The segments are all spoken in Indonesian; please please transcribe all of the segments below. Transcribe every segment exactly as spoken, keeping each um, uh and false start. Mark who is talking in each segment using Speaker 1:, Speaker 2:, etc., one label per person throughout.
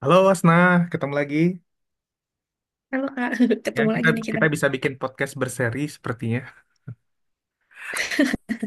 Speaker 1: Halo Wasna, ketemu lagi.
Speaker 2: Halo Kak,
Speaker 1: Ya,
Speaker 2: ketemu
Speaker 1: kita
Speaker 2: lagi nih kita.
Speaker 1: kita bisa bikin podcast berseri sepertinya.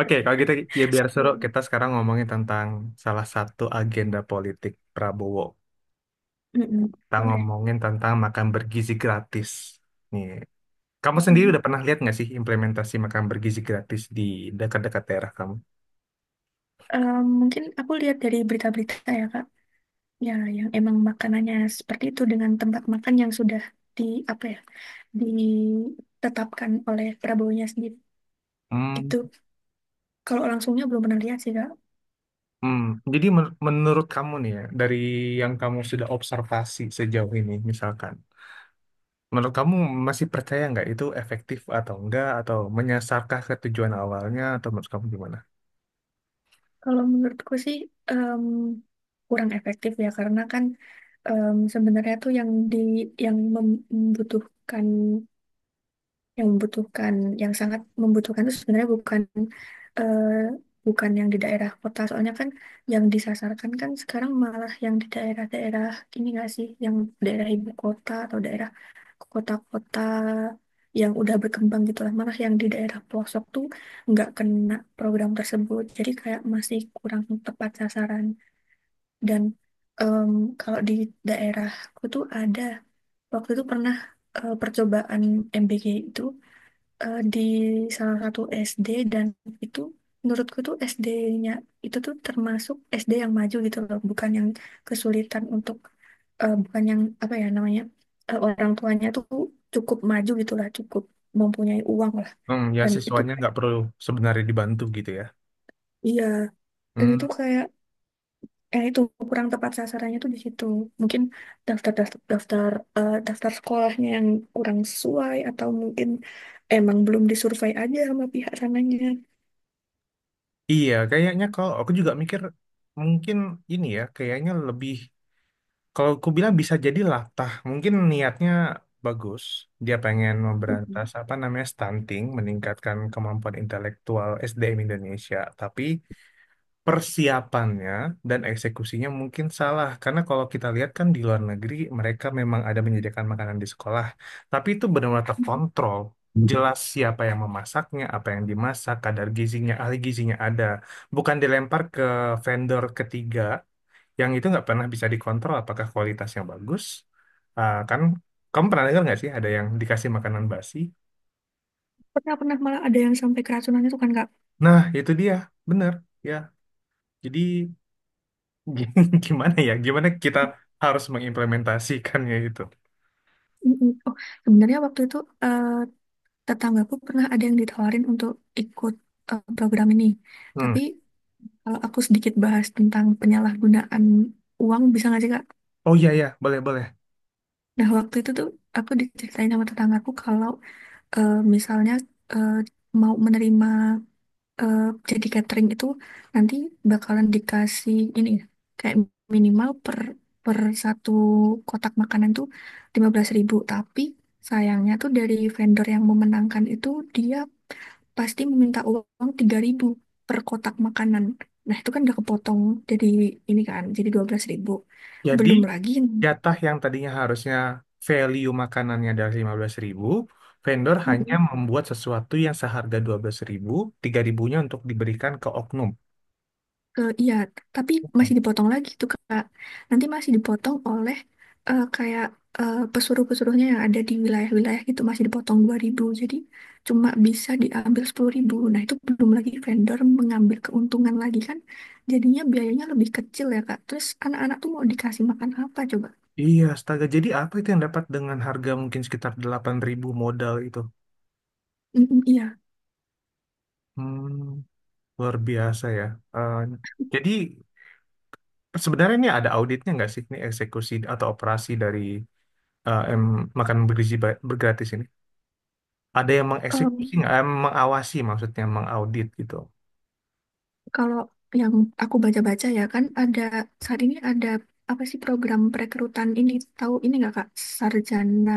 Speaker 1: Oke, kalau kita ya biar seru
Speaker 2: Sebelum.
Speaker 1: kita sekarang ngomongin tentang salah satu agenda politik Prabowo.
Speaker 2: Mm-mm,
Speaker 1: Kita
Speaker 2: boleh.
Speaker 1: ngomongin tentang makan bergizi gratis. Nih, kamu sendiri
Speaker 2: Mm-mm.
Speaker 1: udah pernah lihat nggak sih implementasi makan bergizi gratis di dekat-dekat daerah kamu?
Speaker 2: Eh, mungkin aku lihat dari berita-berita ya Kak, ya yang emang makanannya seperti itu dengan tempat makan yang sudah di apa ya ditetapkan oleh Prabowo-nya sendiri.
Speaker 1: Hmm,
Speaker 2: Gitu. Kalau langsungnya belum pernah lihat sih Kak.
Speaker 1: hmm. Jadi men- menurut kamu nih ya, dari yang kamu sudah observasi sejauh ini misalkan, menurut kamu masih percaya nggak itu efektif atau enggak atau menyasarkah ke tujuan awalnya atau menurut kamu gimana?
Speaker 2: Kalau menurutku sih em, kurang efektif ya karena kan em, sebenarnya tuh yang di yang membutuhkan yang membutuhkan yang sangat membutuhkan itu sebenarnya bukan eh, bukan yang di daerah kota soalnya kan yang disasarkan kan sekarang malah yang di daerah-daerah ini nggak sih yang daerah ibu kota atau daerah kota-kota yang udah berkembang gitu lah, malah yang di daerah pelosok tuh nggak kena program tersebut jadi kayak masih kurang tepat sasaran. Dan em, kalau di daerahku tuh ada waktu itu pernah eh, percobaan M B G itu eh, di salah satu S D. Dan itu menurutku tuh S D-nya itu tuh termasuk S D yang maju gitu loh, bukan yang kesulitan untuk eh, bukan yang apa ya namanya eh, orang tuanya tuh cukup maju gitu lah, cukup mempunyai uang lah.
Speaker 1: Hmm, ya
Speaker 2: Dan itu
Speaker 1: siswanya
Speaker 2: kayak-
Speaker 1: nggak perlu sebenarnya dibantu gitu ya.
Speaker 2: iya, dan
Speaker 1: Hmm,
Speaker 2: itu kayak eh itu kurang tepat sasarannya tuh di situ. Mungkin daftar daftar daftar eh, daftar sekolahnya yang kurang sesuai atau mungkin emang belum disurvei aja sama pihak sananya.
Speaker 1: iya, kayaknya kalau aku juga mikir mungkin ini ya, kayaknya lebih kalau aku bilang bisa jadi latah. Mungkin niatnya bagus, dia pengen memberantas apa namanya stunting, meningkatkan kemampuan intelektual S D M Indonesia, tapi persiapannya dan eksekusinya mungkin salah. Karena kalau kita lihat kan di luar negeri mereka memang ada menyediakan makanan di sekolah, tapi itu benar-benar terkontrol. Jelas siapa yang memasaknya, apa yang dimasak, kadar gizinya, ahli gizinya ada. Bukan dilempar ke vendor ketiga yang itu nggak pernah bisa dikontrol apakah kualitasnya bagus. Ah, kan kamu pernah dengar nggak sih ada yang dikasih makanan basi?
Speaker 2: Pernah pernah, malah ada yang sampai keracunan itu kan Kak.
Speaker 1: Nah, itu dia. Benar. Ya, jadi G- gimana ya? Gimana kita harus mengimplementasikannya itu?
Speaker 2: Mm-mm. Oh, sebenarnya waktu itu eh, tetanggaku pernah ada yang ditawarin untuk ikut eh, program ini.
Speaker 1: Hmm.
Speaker 2: Tapi kalau aku sedikit bahas tentang penyalahgunaan uang bisa nggak sih Kak?
Speaker 1: Oh iya ya, boleh boleh.
Speaker 2: Nah, waktu itu tuh aku diceritain sama tetanggaku kalau eh, misalnya eh, mau menerima eh, jadi catering itu, nanti bakalan dikasih ini ya, kayak minimal per per satu kotak makanan tuh lima belas ribu. Tapi sayangnya tuh dari vendor yang memenangkan itu, dia pasti meminta uang tiga ribu per kotak makanan. Nah, itu kan udah kepotong, jadi ini kan, jadi dua belas ribu.
Speaker 1: Jadi
Speaker 2: Belum lagi
Speaker 1: jatah yang tadinya harusnya value makanannya dari lima belas ribu, vendor hanya membuat sesuatu yang seharga dua belas ribu, tiga ribu-nya untuk diberikan ke oknum.
Speaker 2: Eh, iya, t- tapi masih dipotong lagi tuh Kak. Nanti masih dipotong oleh eh, kayak eh, pesuruh-pesuruhnya yang ada di wilayah-wilayah gitu, masih dipotong dua ribu. Jadi cuma bisa diambil sepuluh ribu. Nah, itu belum lagi vendor mengambil keuntungan lagi kan. Jadinya biayanya lebih kecil ya Kak. Terus anak-anak tuh mau dikasih makan apa coba?
Speaker 1: Iya, astaga. Jadi apa itu yang dapat dengan harga mungkin sekitar delapan ribu modal itu?
Speaker 2: Mm, iya.
Speaker 1: Hmm, luar biasa ya. Eh, jadi sebenarnya ini ada auditnya nggak sih, ini eksekusi atau operasi dari eh, em, makan bergizi ba- bergratis ini ada yang mengeksekusi
Speaker 2: Em,
Speaker 1: nggak, Em, mengawasi, maksudnya mengaudit gitu.
Speaker 2: kalau yang aku baca-baca ya, kan ada saat ini ada apa sih program perekrutan ini, tahu ini nggak Kak? Sarjana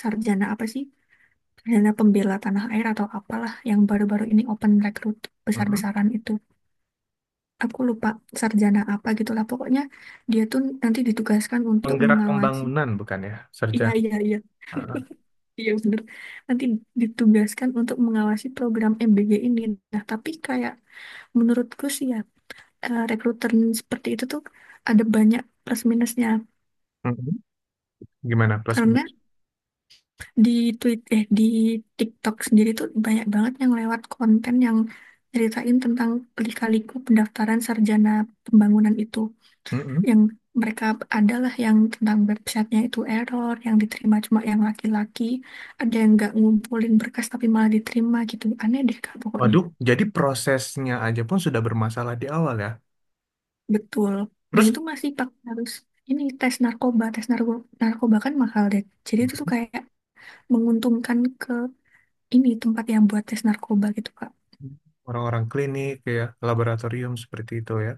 Speaker 2: sarjana apa sih, Dana Pembela Tanah Air atau apalah yang baru-baru ini open rekrut
Speaker 1: Mhm.
Speaker 2: besar-besaran itu. Aku lupa sarjana apa gitulah. Pokoknya dia tuh nanti ditugaskan untuk
Speaker 1: Penggerak
Speaker 2: mengawasi.
Speaker 1: pembangunan bukan ya,
Speaker 2: Iya,
Speaker 1: sarjana.
Speaker 2: iya, iya. Iya, bener. Nanti ditugaskan untuk mengawasi program M B G ini. Nah, tapi kayak menurutku sih ya, eh, rekruter seperti itu tuh ada banyak plus minusnya.
Speaker 1: Mhm. Gimana plus
Speaker 2: Karena
Speaker 1: minus?
Speaker 2: di tweet eh di TikTok sendiri tuh banyak banget yang lewat konten yang ceritain tentang lika-liku pendaftaran sarjana pembangunan itu,
Speaker 1: Mhm.
Speaker 2: yang mereka adalah yang tentang websitenya itu error, yang diterima cuma yang laki-laki, ada yang nggak ngumpulin berkas tapi malah diterima gitu. Aneh deh Kak pokoknya.
Speaker 1: Waduh, jadi prosesnya aja pun sudah bermasalah di awal ya.
Speaker 2: Betul. Dan
Speaker 1: Terus,
Speaker 2: itu masih pakai harus ini tes narkoba tes narko narkoba kan mahal deh, jadi itu tuh
Speaker 1: Mhm.
Speaker 2: kayak menguntungkan ke ini tempat yang buat tes narkoba gitu Kak.
Speaker 1: Orang-orang klinik ya, laboratorium seperti itu ya.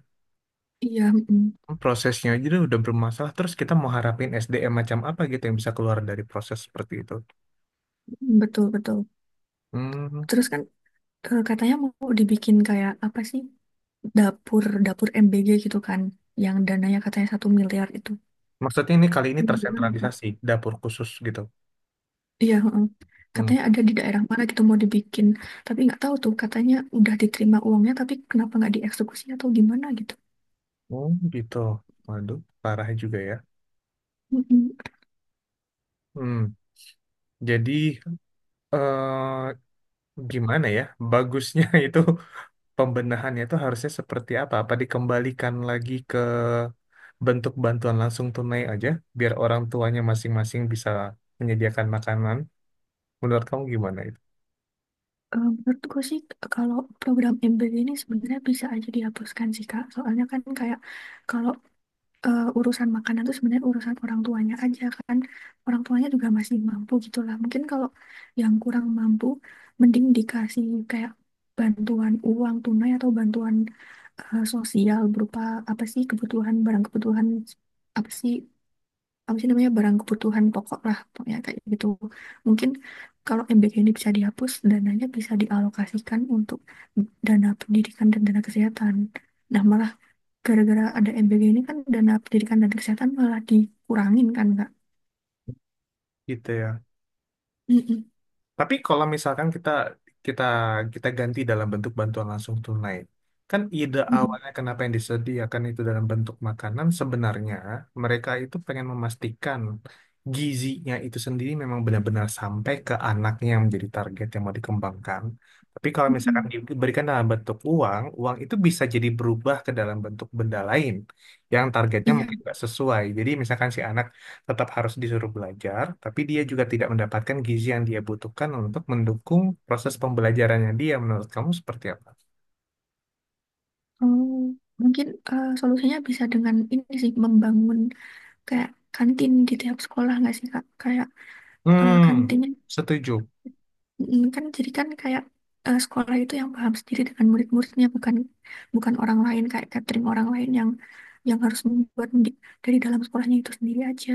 Speaker 2: Iya, mm.
Speaker 1: Prosesnya aja udah bermasalah, terus kita mau harapin S D M macam apa gitu yang bisa keluar dari proses seperti itu.
Speaker 2: Betul, betul.
Speaker 1: Hmm.
Speaker 2: Terus kan eh, katanya mau dibikin kayak apa sih? Dapur, dapur M B G gitu kan. Yang dananya katanya satu miliar itu.
Speaker 1: Maksudnya ini, kali ini
Speaker 2: Iya, benar, Pak.
Speaker 1: tersentralisasi dapur khusus gitu.
Speaker 2: Iya, heeh.
Speaker 1: Hmm.
Speaker 2: Katanya ada di daerah mana gitu mau dibikin. Tapi nggak tahu tuh katanya udah diterima uangnya tapi kenapa nggak dieksekusi atau gimana gitu.
Speaker 1: Oh gitu. Waduh, parah juga ya.
Speaker 2: Mm-mm.
Speaker 1: Hmm. Jadi, eh gimana ya? Bagusnya itu pembenahannya itu harusnya seperti apa? Apa dikembalikan lagi ke bentuk bantuan langsung tunai aja, biar orang tuanya masing-masing bisa menyediakan makanan. Menurut kamu gimana itu?
Speaker 2: Eh, menurut gue sih kalau program M B G ini sebenarnya bisa aja dihapuskan sih Kak. Soalnya kan kayak, kalau eh, urusan makanan tuh sebenarnya urusan orang tuanya aja kan, orang tuanya juga masih mampu gitulah. Mungkin kalau yang kurang mampu mending dikasih kayak bantuan uang tunai atau bantuan eh, sosial berupa apa sih, kebutuhan barang, kebutuhan apa sih, apa sih namanya, barang kebutuhan pokok lah pokoknya kayak gitu. Mungkin kalau M B K ini bisa dihapus, dananya bisa dialokasikan untuk dana pendidikan dan dana kesehatan. Nah malah gara-gara ada M B G ini kan, dana pendidikan dan kesehatan malah dikurangin kan Kak.
Speaker 1: Gitu ya.
Speaker 2: Mm-mm.
Speaker 1: Tapi kalau misalkan kita kita kita ganti dalam bentuk bantuan langsung tunai, kan ide
Speaker 2: Mm-mm.
Speaker 1: awalnya kenapa yang disediakan itu dalam bentuk makanan, sebenarnya mereka itu pengen memastikan gizinya itu sendiri memang benar-benar sampai ke anaknya yang menjadi target yang mau dikembangkan. Tapi kalau misalkan
Speaker 2: Mm-mm.
Speaker 1: diberikan dalam bentuk uang, uang itu bisa jadi berubah ke dalam bentuk benda lain yang targetnya
Speaker 2: Iya.
Speaker 1: mungkin nggak sesuai. Jadi misalkan si anak tetap harus disuruh belajar, tapi dia juga tidak mendapatkan gizi yang dia butuhkan untuk mendukung proses pembelajarannya dia. Menurut kamu seperti apa?
Speaker 2: Oh, mungkin eh, solusinya bisa dengan ini sih, membangun kayak kantin di tiap sekolah nggak sih Kak? Kayak eh,
Speaker 1: Hmm,
Speaker 2: kantinnya,
Speaker 1: setuju.
Speaker 2: mm, kan jadi kan kayak eh, sekolah itu yang paham sendiri dengan murid-muridnya, bukan bukan orang lain kayak catering orang lain yang yang harus membuat mendik- dari dalam sekolahnya itu sendiri aja.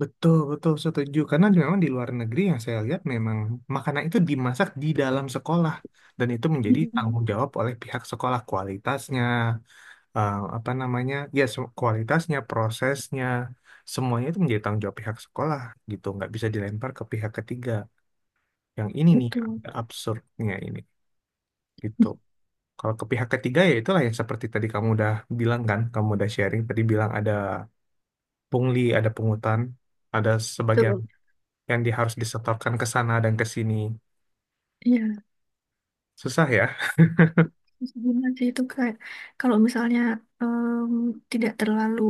Speaker 1: Betul, betul setuju. Karena memang di luar negeri yang saya lihat memang makanan itu dimasak di dalam sekolah. Dan itu menjadi
Speaker 2: Mm-mm.
Speaker 1: tanggung jawab oleh pihak sekolah, kualitasnya, eh, apa namanya, ya se- kualitasnya, prosesnya, semuanya itu menjadi tanggung jawab pihak sekolah gitu. Nggak bisa dilempar ke pihak ketiga. Yang ini nih
Speaker 2: Betul.
Speaker 1: agak absurdnya ini. Gitu. Kalau ke pihak ketiga, ya itulah yang seperti tadi kamu udah bilang kan, kamu udah sharing tadi bilang ada pungli, ada pungutan, ada sebagian
Speaker 2: Betul.
Speaker 1: yang di, harus disetorkan ke sana dan ke sini.
Speaker 2: Iya.
Speaker 1: Susah ya.
Speaker 2: Terus gimana sih itu kayak kalau misalnya em, tidak terlalu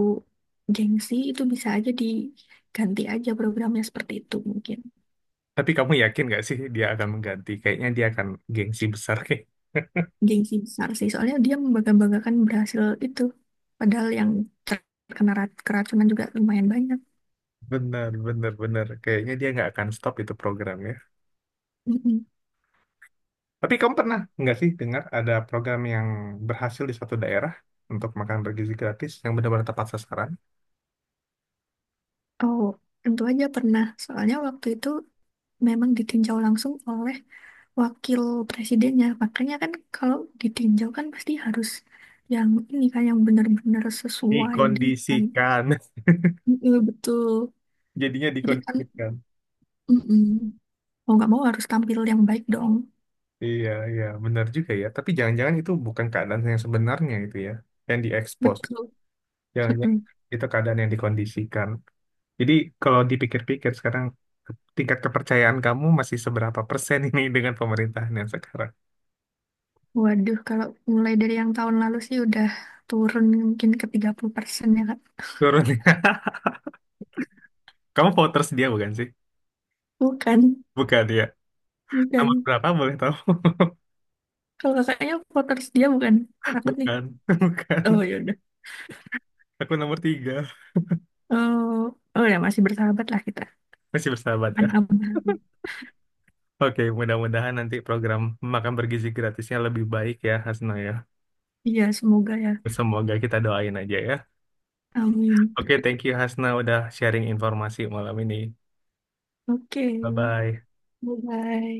Speaker 2: gengsi itu bisa aja diganti aja programnya seperti itu. Mungkin
Speaker 1: Tapi kamu yakin gak sih dia akan mengganti? Kayaknya dia akan gengsi besar kayak.
Speaker 2: gengsi besar sih, soalnya dia membangga-banggakan berhasil itu padahal yang terkena ra- keracunan juga lumayan banyak.
Speaker 1: Bener, bener, bener. Kayaknya dia nggak akan stop itu programnya.
Speaker 2: Mm-mm.
Speaker 1: Tapi kamu pernah nggak sih dengar ada program yang berhasil di suatu daerah untuk makan bergizi gratis yang benar-benar tepat sasaran?
Speaker 2: Oh, tentu aja pernah, soalnya waktu itu memang ditinjau langsung oleh wakil presidennya. Makanya kan kalau ditinjau kan pasti harus yang ini kan, yang benar-benar sesuai dengan
Speaker 1: Dikondisikan.
Speaker 2: mm betul.
Speaker 1: Jadinya
Speaker 2: Jadi kan,
Speaker 1: dikondisikan.
Speaker 2: mm-mm. Mau nggak mau harus tampil yang baik dong.
Speaker 1: Iya, iya, benar juga ya. Tapi jangan-jangan itu bukan keadaan yang sebenarnya itu ya, yang diekspos.
Speaker 2: Betul.
Speaker 1: Jangan-jangan
Speaker 2: Mm-mm.
Speaker 1: itu keadaan yang dikondisikan. Jadi kalau dipikir-pikir sekarang, tingkat kepercayaan kamu masih seberapa persen ini dengan pemerintahan yang sekarang?
Speaker 2: Waduh, kalau mulai dari yang tahun lalu sih udah turun mungkin ke tiga puluh persen ya, Kak.
Speaker 1: Turun ya. Kamu voters dia bukan sih?
Speaker 2: Bukan,
Speaker 1: Bukan ya. Nomor
Speaker 2: bukan.
Speaker 1: berapa boleh tahu?
Speaker 2: Kalau kakaknya voters dia bukan? Takut nih.
Speaker 1: Bukan,
Speaker 2: Oh,
Speaker 1: bukan.
Speaker 2: ya udah.
Speaker 1: Aku nomor tiga.
Speaker 2: Oh, oh ya masih bersahabat lah kita.
Speaker 1: Masih bersahabat ya.
Speaker 2: Aman-aman.
Speaker 1: Oke, mudah-mudahan nanti program makan bergizi gratisnya lebih baik ya, Hasno ya.
Speaker 2: Iya, semoga ya.
Speaker 1: Semoga kita doain aja ya.
Speaker 2: Amin.
Speaker 1: Oke, thank you Hasna, udah sharing informasi malam ini.
Speaker 2: Oke,
Speaker 1: Bye-bye.
Speaker 2: bye-bye.